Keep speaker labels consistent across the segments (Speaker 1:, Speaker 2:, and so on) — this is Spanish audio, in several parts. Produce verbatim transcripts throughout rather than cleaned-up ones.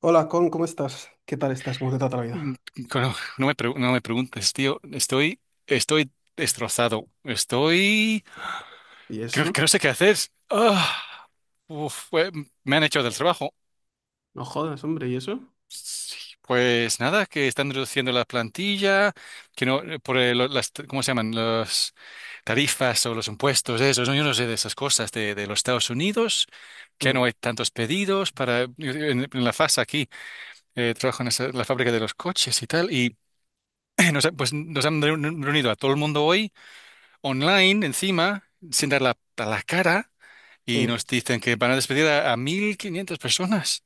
Speaker 1: Hola, Con, ¿cómo estás? ¿Qué tal estás? ¿Cómo te trata la
Speaker 2: Mm,
Speaker 1: vida?
Speaker 2: cono- No me, pregu- no me preguntes, tío. Estoy, estoy destrozado. Estoy.
Speaker 1: ¿Y
Speaker 2: Creo,
Speaker 1: eso?
Speaker 2: creo sé qué hacer. Ah, uf, eh, me han hecho del trabajo.
Speaker 1: No jodas, hombre, ¿y eso?
Speaker 2: Pues nada, que están reduciendo la plantilla, que no, eh, por eh, lo- las, ¿cómo se llaman? Las tarifas o los impuestos, eso, ¿no? Yo no sé de esas cosas de, de los Estados Unidos, que
Speaker 1: Mm,
Speaker 2: no hay tantos pedidos para. En, en la fase aquí, eh, trabajo en esa- la fábrica de los coches y tal. Y nos, ha- pues, nos han reunido a todo el mundo hoy. Online encima, sin dar la, a la cara, y
Speaker 1: mm,
Speaker 2: nos dicen que van a despedir a, a mil quinientas personas.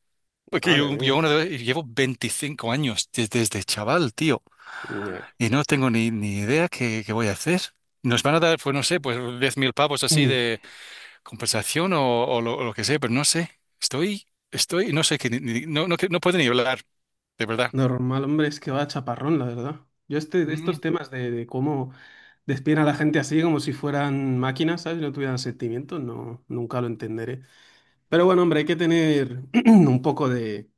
Speaker 2: Porque
Speaker 1: madre
Speaker 2: yo,
Speaker 1: mía.
Speaker 2: yo una vez- llevo veinticinco años des- desde chaval, tío,
Speaker 1: Ya.
Speaker 2: y no tengo ni, ni idea, qué, qué voy a hacer. Nos van a dar, pues no sé, pues diez mil pavos así
Speaker 1: Mm,
Speaker 2: de compensación, o, o lo, o lo que sea, pero no sé. Estoy, estoy, no sé, que, ni- ni- no, no, que- no puedo ni hablar, de verdad.
Speaker 1: normal, hombre, es que va chaparrón, la verdad. Yo este, estos
Speaker 2: Mm,
Speaker 1: temas de, de cómo despiden a la gente así como si fueran máquinas, ¿sabes? Y no tuvieran sentimientos, no, nunca lo entenderé. Pero bueno, hombre, hay que tener un poco de,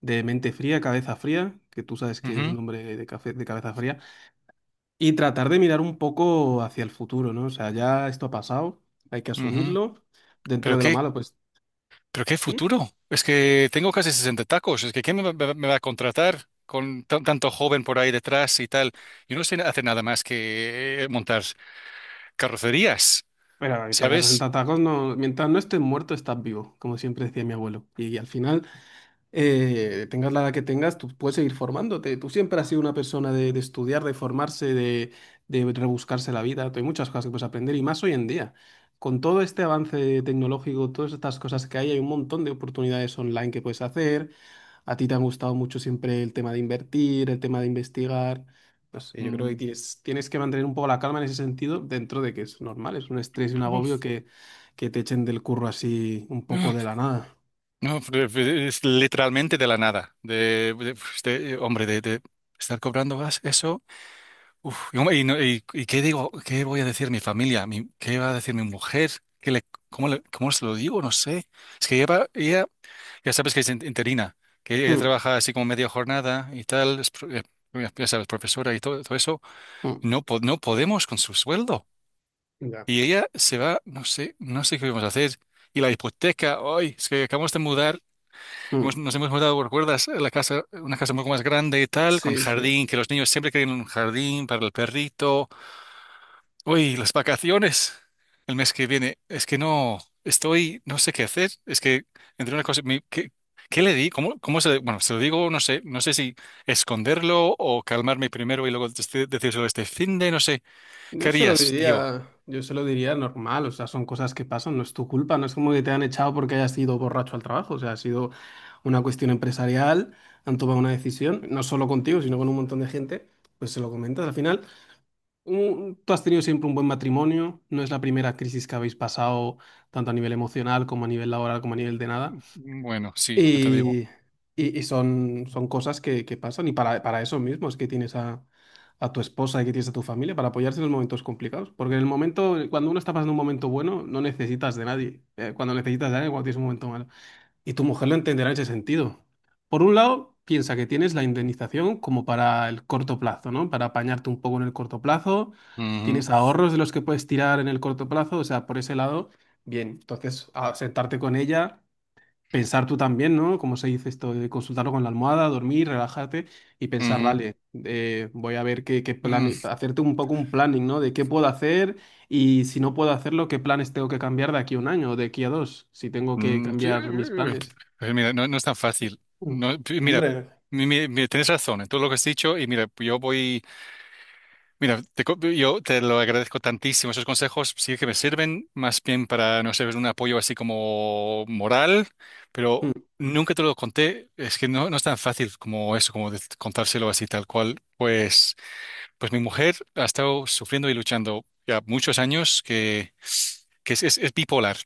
Speaker 1: de mente fría, cabeza fría, que tú sabes que eres
Speaker 2: ujú,
Speaker 1: un hombre de, cafe- de cabeza fría. Y tratar de mirar un poco hacia el futuro, ¿no? O sea, ya esto ha pasado, hay que
Speaker 2: ujú.
Speaker 1: asumirlo. Dentro
Speaker 2: Pero
Speaker 1: de lo
Speaker 2: qué,
Speaker 1: malo, pues,
Speaker 2: ¿Pero qué
Speaker 1: ¿Mm?,
Speaker 2: futuro? Es que tengo casi sesenta tacos. Es que ¿quién me va, me va- a contratar con tan- tanto joven por ahí detrás y tal? Yo no sé hacer nada más que eh, montar carrocerías,
Speaker 1: pero que tengas
Speaker 2: ¿sabes?
Speaker 1: sesenta tacos, no, mientras no estés muerto, estás vivo, como siempre decía mi abuelo. Y, al final, eh, tengas la edad que tengas, tú puedes seguir formándote. Tú siempre has sido una persona de, de estudiar, de formarse, de, de rebuscarse la vida. Hay muchas cosas que puedes aprender y más hoy en día. Con todo este avance tecnológico, todas estas cosas que hay, hay un montón de oportunidades online que puedes hacer. A ti te ha gustado mucho siempre el tema de invertir, el tema de investigar. No sé, yo creo que
Speaker 2: Mm.
Speaker 1: tienes, tienes que mantener un poco la calma en ese sentido, dentro de que es normal, es un estrés y un agobio que, que te echen del curro así un poco de la nada.
Speaker 2: No, no, es literalmente de la nada. De, de- pues, de- hombre, de, de estar cobrando gas, eso. Uf, y, hombre, y no- y- ¿y qué digo? ¿Qué voy a decir mi familia? Mi- ¿Qué va a decir mi mujer? ¿Qué le, cómo le- ¿Cómo se lo digo? No sé. Es que lleva, ella Ya sabes que es in- interina, que ella
Speaker 1: Mm,
Speaker 2: trabaja así como media jornada y tal, es pro- eh, ya sabes, profesora y todo, todo eso.
Speaker 1: mm,
Speaker 2: No, po- no podemos con su sueldo.
Speaker 1: ya,
Speaker 2: Y ella se va, no sé, no sé qué vamos a hacer. Y la hipoteca, hoy es que acabamos de mudar, hemos-
Speaker 1: mm.
Speaker 2: nos hemos mudado, ¿recuerdas? La casa, una casa un poco más grande y tal, con
Speaker 1: Sí, sí.
Speaker 2: jardín, que los niños siempre quieren un jardín para el perrito. Uy, las vacaciones el mes que viene. Es que no, estoy, no sé qué hacer. Es que entre una cosa, mi- ¿qué, qué le di? ¿Cómo, cómo se le- Bueno, se lo digo, no sé, no sé si esconderlo o calmarme primero y luego dec- decírselo este fin de, no sé. ¿Qué
Speaker 1: Yo se lo
Speaker 2: harías, tío?
Speaker 1: diría, yo se lo diría normal, o sea, son cosas que pasan, no es tu culpa, no es como que te han echado porque hayas ido borracho al trabajo, o sea, ha sido una cuestión empresarial, han tomado una decisión, no solo contigo, sino con un montón de gente, pues se lo comentas al final. Un- tú has tenido siempre un buen matrimonio, no es la primera crisis que habéis pasado, tanto a nivel emocional como a nivel laboral como a nivel de nada.
Speaker 2: Bueno, sí, ya te digo.
Speaker 1: Y, y- y son, son cosas que, que pasan y para, para eso mismo es que tienes a, a tu esposa y que tienes a tu familia para apoyarse en los momentos complicados. Porque en el momento, cuando uno está pasando un momento bueno, no necesitas de nadie. Eh, cuando necesitas de alguien, cuando tienes un momento malo. Y tu mujer lo entenderá en ese sentido. Por un lado, piensa que tienes la indemnización como para el corto plazo, ¿no? Para apañarte un poco en el corto plazo.
Speaker 2: Ujú,
Speaker 1: Tienes ahorros de los que puedes tirar en el corto plazo. O sea, por ese lado, bien. Entonces, a- sentarte con ella, pensar tú también, ¿no? Como se dice esto, de consultarlo con la almohada, dormir, relajarte y pensar,
Speaker 2: ujú,
Speaker 1: vale, eh, voy a ver qué, qué plan,
Speaker 2: mm,
Speaker 1: hacerte un poco un planning, ¿no? De qué puedo hacer. Y si no puedo hacerlo, ¿qué planes tengo que cambiar de aquí a un año o de aquí a dos? Si tengo que
Speaker 2: mm, sí,
Speaker 1: cambiar mis
Speaker 2: eh,
Speaker 1: planes.
Speaker 2: pues mira, no, no es tan fácil.
Speaker 1: Mm.
Speaker 2: No, pi- mira,
Speaker 1: Hombre,
Speaker 2: mi- mi- mi- tienes razón en todo lo que has dicho y mira, yo voy. Mira, te co- yo te lo agradezco tantísimo. Esos consejos sí que me sirven más bien para, no sé, un apoyo así como moral, pero
Speaker 1: mm,
Speaker 2: nunca te lo conté. Es que no, no es tan fácil como eso, como de- contárselo así tal cual. Pues, pues mi mujer ha estado sufriendo y luchando ya muchos años que, que es, es- es bipolar.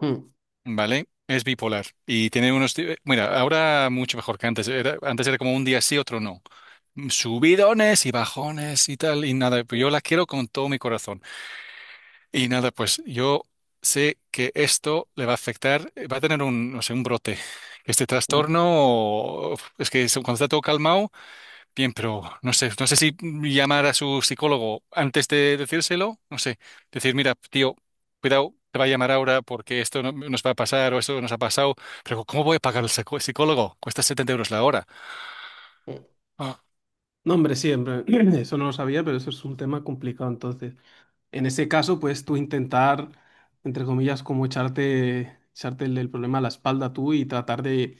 Speaker 1: mm,
Speaker 2: ¿Vale? Es bipolar y tiene unos... di- Mira, ahora mucho mejor que antes. Era, antes era como un día sí, otro no. Mm, Subidones y bajones y tal, y nada, pues yo la quiero con todo mi corazón. Y nada, pues yo sé que esto le va a afectar, eh, va a tener un, no sé, un brote. Este
Speaker 1: mm,
Speaker 2: trastorno, o- es que es- cuando está todo calmado, bien, pero no sé, no sé si llamar a su psicólogo antes de decírselo, no sé, decir, mira, tío, cuidado, te va a llamar ahora porque esto no- nos va a pasar o esto nos ha pasado, pero ¿cómo voy a pagar al psico- psicólogo? Cuesta setenta euros la hora.
Speaker 1: mm.
Speaker 2: Ah,
Speaker 1: No, hombre, siempre. Eso no lo sabía, pero eso es un tema complicado. Entonces, en ese caso, pues tú intentar, entre comillas, como echarte, echarte el, el problema a la espalda tú y tratar de,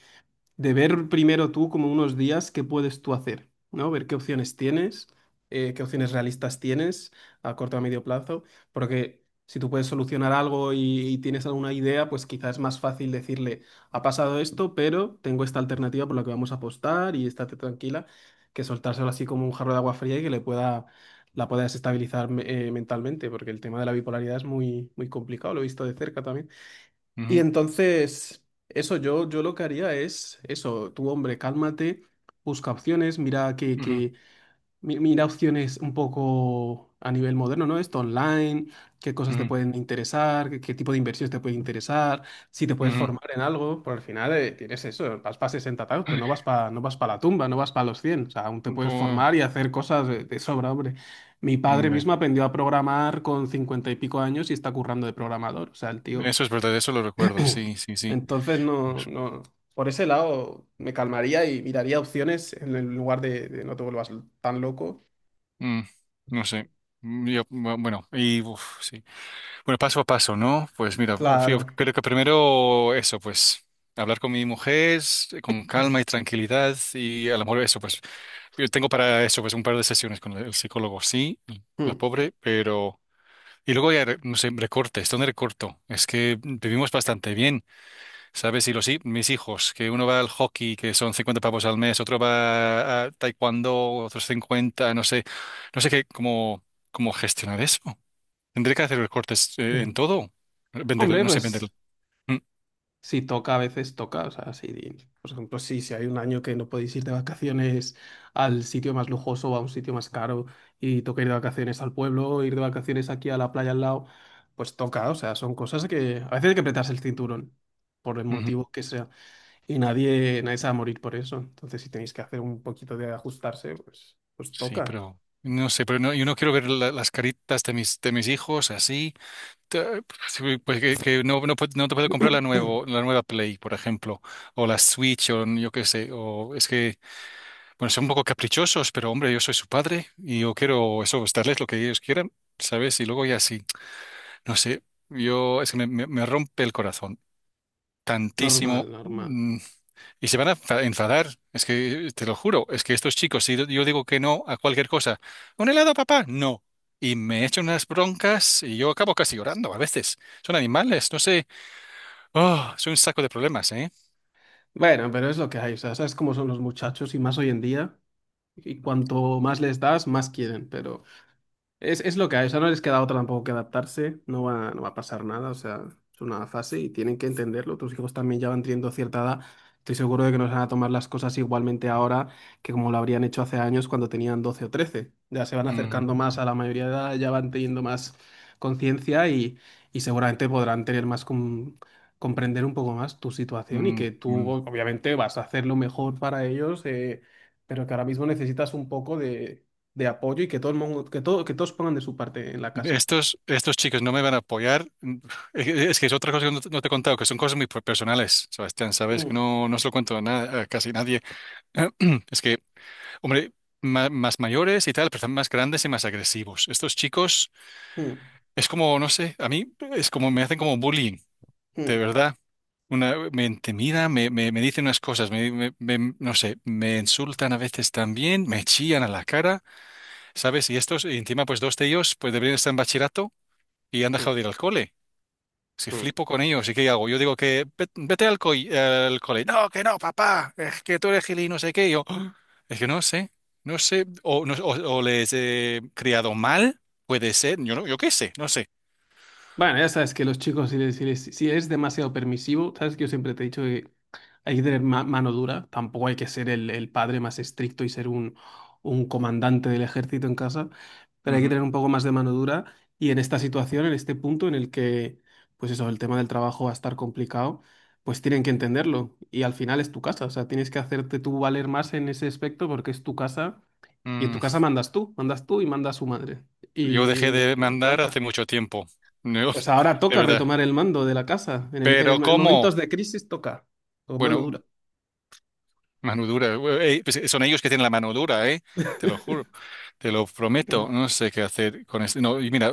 Speaker 1: de ver primero tú como unos días qué puedes tú hacer, ¿no? Ver qué opciones tienes, eh, qué opciones realistas tienes a corto o a medio plazo, porque si tú puedes solucionar algo y, y tienes alguna idea, pues quizás es más fácil decirle, ha pasado esto, pero tengo esta alternativa por la que vamos a apostar y estate tranquila, que soltárselo así como un jarro de agua fría y que le pueda... la pueda desestabilizar, eh, mentalmente, porque el tema de la bipolaridad es muy, muy complicado, lo he visto de cerca también. Y
Speaker 2: ujú,
Speaker 1: entonces, eso, yo, yo lo que haría es eso, tú, hombre, cálmate, busca opciones, mira que,
Speaker 2: ujú,
Speaker 1: que mi- mira opciones un poco a nivel moderno, ¿no? Esto online, qué cosas te
Speaker 2: ujú,
Speaker 1: pueden interesar, qué, qué tipo de inversiones te puede interesar, si te puedes
Speaker 2: ujú.
Speaker 1: formar en algo, por al final, eh, tienes eso, vas para sesenta años, pero
Speaker 2: Ay,
Speaker 1: no vas para no vas para la tumba, no vas para los cien, o sea, aún te puedes
Speaker 2: pues,
Speaker 1: formar y hacer cosas de, de sobra, hombre. Mi padre
Speaker 2: hombre,
Speaker 1: mismo aprendió a programar con cincuenta y pico años y está currando de programador, o sea, el tío
Speaker 2: eso es verdad, eso lo recuerdo, sí, sí, sí.
Speaker 1: entonces, no,
Speaker 2: Pues,
Speaker 1: no, por ese lado me calmaría y miraría opciones en el lugar de, de no te vuelvas tan loco.
Speaker 2: mm, no sé. Mm, yo, bu- bueno, y uf, sí. Bueno, paso a paso, ¿no? Pues mira, sí, yo
Speaker 1: Claro.
Speaker 2: creo que primero eso, pues hablar con mi mujer eh, con calma y tranquilidad y a lo mejor eso, pues yo tengo para eso, pues un par de sesiones con el psicólogo, sí, la
Speaker 1: Mm.
Speaker 2: pobre, pero... Y luego ya, re- no sé, recortes, ¿dónde recorto? Es que vivimos bastante bien, ¿sabes? Y los, hi- mis hijos, que uno va al hockey, que son cincuenta pavos al mes, otro va a taekwondo, otros cincuenta, no sé, no sé qué, cómo, cómo gestionar eso. Tendré que hacer recortes eh,
Speaker 1: Mm.
Speaker 2: en todo. Vender,
Speaker 1: Hombre,
Speaker 2: no sé, vender.
Speaker 1: pues
Speaker 2: Mm,
Speaker 1: si toca, a veces toca. O sea, si, por ejemplo, si, si hay un año que no podéis ir de vacaciones al sitio más lujoso o a un sitio más caro y toca ir de vacaciones al pueblo, ir de vacaciones aquí a la playa al lado, pues toca. O sea, son cosas que a veces hay que apretarse el cinturón por el
Speaker 2: ujú.
Speaker 1: motivo que sea. Y nadie, nadie se va a morir por eso. Entonces, si tenéis que hacer un poquito de ajustarse, pues, pues
Speaker 2: Sí,
Speaker 1: toca.
Speaker 2: pero no sé, pero no, yo no quiero ver la- las caritas de mis, de mis hijos así. Ta- pues, sí. Pues que, que no, no, puedo- no te puedo comprar la nuevo, la nueva Play, por ejemplo, o la Switch, o yo qué sé, o es que, bueno, son un poco caprichosos, pero hombre, yo soy su padre y yo quiero eso, pues, darles lo que ellos quieran, ¿sabes? Y luego ya sí, no sé, yo es que me, me me rompe el corazón
Speaker 1: Normal,
Speaker 2: tantísimo.
Speaker 1: normal.
Speaker 2: mm, Y se van a enfa- enfadar, es que te lo juro, es que estos chicos, si yo digo que no a cualquier cosa, un helado, papá, no. Y me echan unas broncas y yo acabo casi llorando a veces. Son animales, no sé. Oh, es un saco de problemas, ¿eh?
Speaker 1: Bueno, pero es lo que hay. O sea, sabes cómo son los muchachos y más hoy en día. Y cuanto más les das, más quieren. Pero Es, es lo que hay, o sea, no les queda otra tampoco que adaptarse, no va, no va a pasar nada, o sea, es una fase y tienen que entenderlo. Tus hijos también ya van teniendo cierta edad, estoy seguro de que nos van a tomar las cosas igualmente ahora que como lo habrían hecho hace años cuando tenían doce o trece. Ya se van
Speaker 2: Mm,
Speaker 1: acercando más a la mayoría de edad, ya van teniendo más conciencia y, y seguramente podrán tener más com- comprender un poco más tu situación y
Speaker 2: mm,
Speaker 1: que tú
Speaker 2: mm.
Speaker 1: obviamente vas a hacer lo mejor para ellos, eh, pero que ahora mismo necesitas un poco de de apoyo y que todo el mundo, que todo, que todos pongan de su parte en la casa.
Speaker 2: Estos, estos chicos no me van a apoyar. Mm, eh, Es que es otra cosa que no te no te he contado, que son cosas muy personales, Sebastián, sabes que
Speaker 1: Mm,
Speaker 2: no, no se lo cuento a, na- a casi nadie. Es que, hombre, ma- más mayores y tal, pero están más grandes y más agresivos. Estos chicos.
Speaker 1: mm,
Speaker 2: Es como, no sé, a mí es como me hacen como bullying, de
Speaker 1: mm,
Speaker 2: verdad. Una, me intimida, me, me, me dicen unas cosas, me, me- me- no sé, me insultan a veces también, me chillan a la cara, ¿sabes? Y estos, y encima, pues dos de ellos, pues deberían estar en bachillerato y han
Speaker 1: mm,
Speaker 2: dejado de ir al cole. Si
Speaker 1: mm.
Speaker 2: flipo con ellos, ¿y qué hago? Yo digo que "Ve- vete al, coi- al cole. No, que no, papá, es que tú eres gil y no sé qué. Yo, "Ah, es que no sé, no sé, o, no- o- o les he criado mal, puede ser, yo no, yo qué sé, no sé.
Speaker 1: Bueno, ya sabes que los chicos, si, les- si, les- si eres demasiado permisivo, sabes que yo siempre te he dicho que hay que tener ma- mano dura, tampoco hay que ser el, el padre más estricto y ser un, un comandante del ejército en casa, pero hay que
Speaker 2: Ujú.
Speaker 1: tener un poco más de mano dura y en esta situación, en este punto en el que, pues eso, el tema del trabajo va a estar complicado, pues tienen que entenderlo y al final es tu casa, o sea, tienes que hacerte tú valer más en ese aspecto porque es tu casa y en tu casa
Speaker 2: Mm.
Speaker 1: mandas tú, mandas tú y manda su madre
Speaker 2: Yo
Speaker 1: y
Speaker 2: dejé
Speaker 1: no,
Speaker 2: de
Speaker 1: no queda
Speaker 2: mandar
Speaker 1: otra.
Speaker 2: hace mucho tiempo, ¿no?
Speaker 1: Pues ahora
Speaker 2: De
Speaker 1: toca
Speaker 2: verdad.
Speaker 1: retomar el mando de la casa. En el, en
Speaker 2: Pero
Speaker 1: el- en
Speaker 2: ¿cómo?
Speaker 1: momentos de crisis toca, con mano
Speaker 2: Bueno,
Speaker 1: dura.
Speaker 2: mano dura. Eh, eh, pues son ellos que tienen la mano dura, ¿eh? Te lo juro, te lo prometo. No sé qué hacer con esto. No, y mira,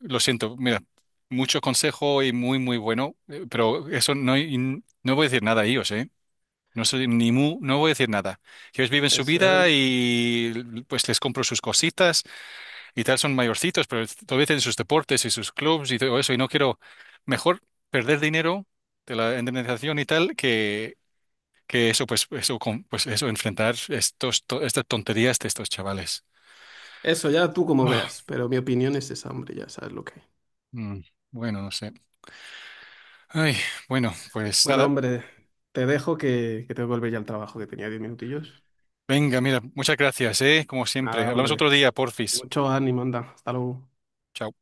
Speaker 2: lo siento, mira, mucho consejo y muy, muy bueno, eh, pero eso no, y no voy a decir nada a ellos, ¿eh? No soy ni mu, no voy a decir nada. Ellos viven su
Speaker 1: Eso, eh.
Speaker 2: vida y pues les compro sus cositas y tal son mayorcitos, pero todavía tienen sus deportes y sus clubs y todo eso, y no quiero mejor perder dinero de la indemnización y tal que, que eso, pues eso, con- pues eso, enfrentar estos, to- estas tonterías de estos chavales.
Speaker 1: Eso ya tú como
Speaker 2: Ah,
Speaker 1: veas, pero mi opinión es esa, hombre, ya sabes lo que hay.
Speaker 2: mm, bueno, no sé. Ay, bueno, pues
Speaker 1: Bueno,
Speaker 2: nada.
Speaker 1: hombre, te dejo que, que tengo que volver ya al trabajo, que tenía diez minutillos.
Speaker 2: Venga, mira, muchas gracias, ¿eh? Como
Speaker 1: Nada,
Speaker 2: siempre. Hablamos
Speaker 1: hombre,
Speaker 2: otro día, porfis.
Speaker 1: mucho ánimo, anda, hasta luego.
Speaker 2: Chao.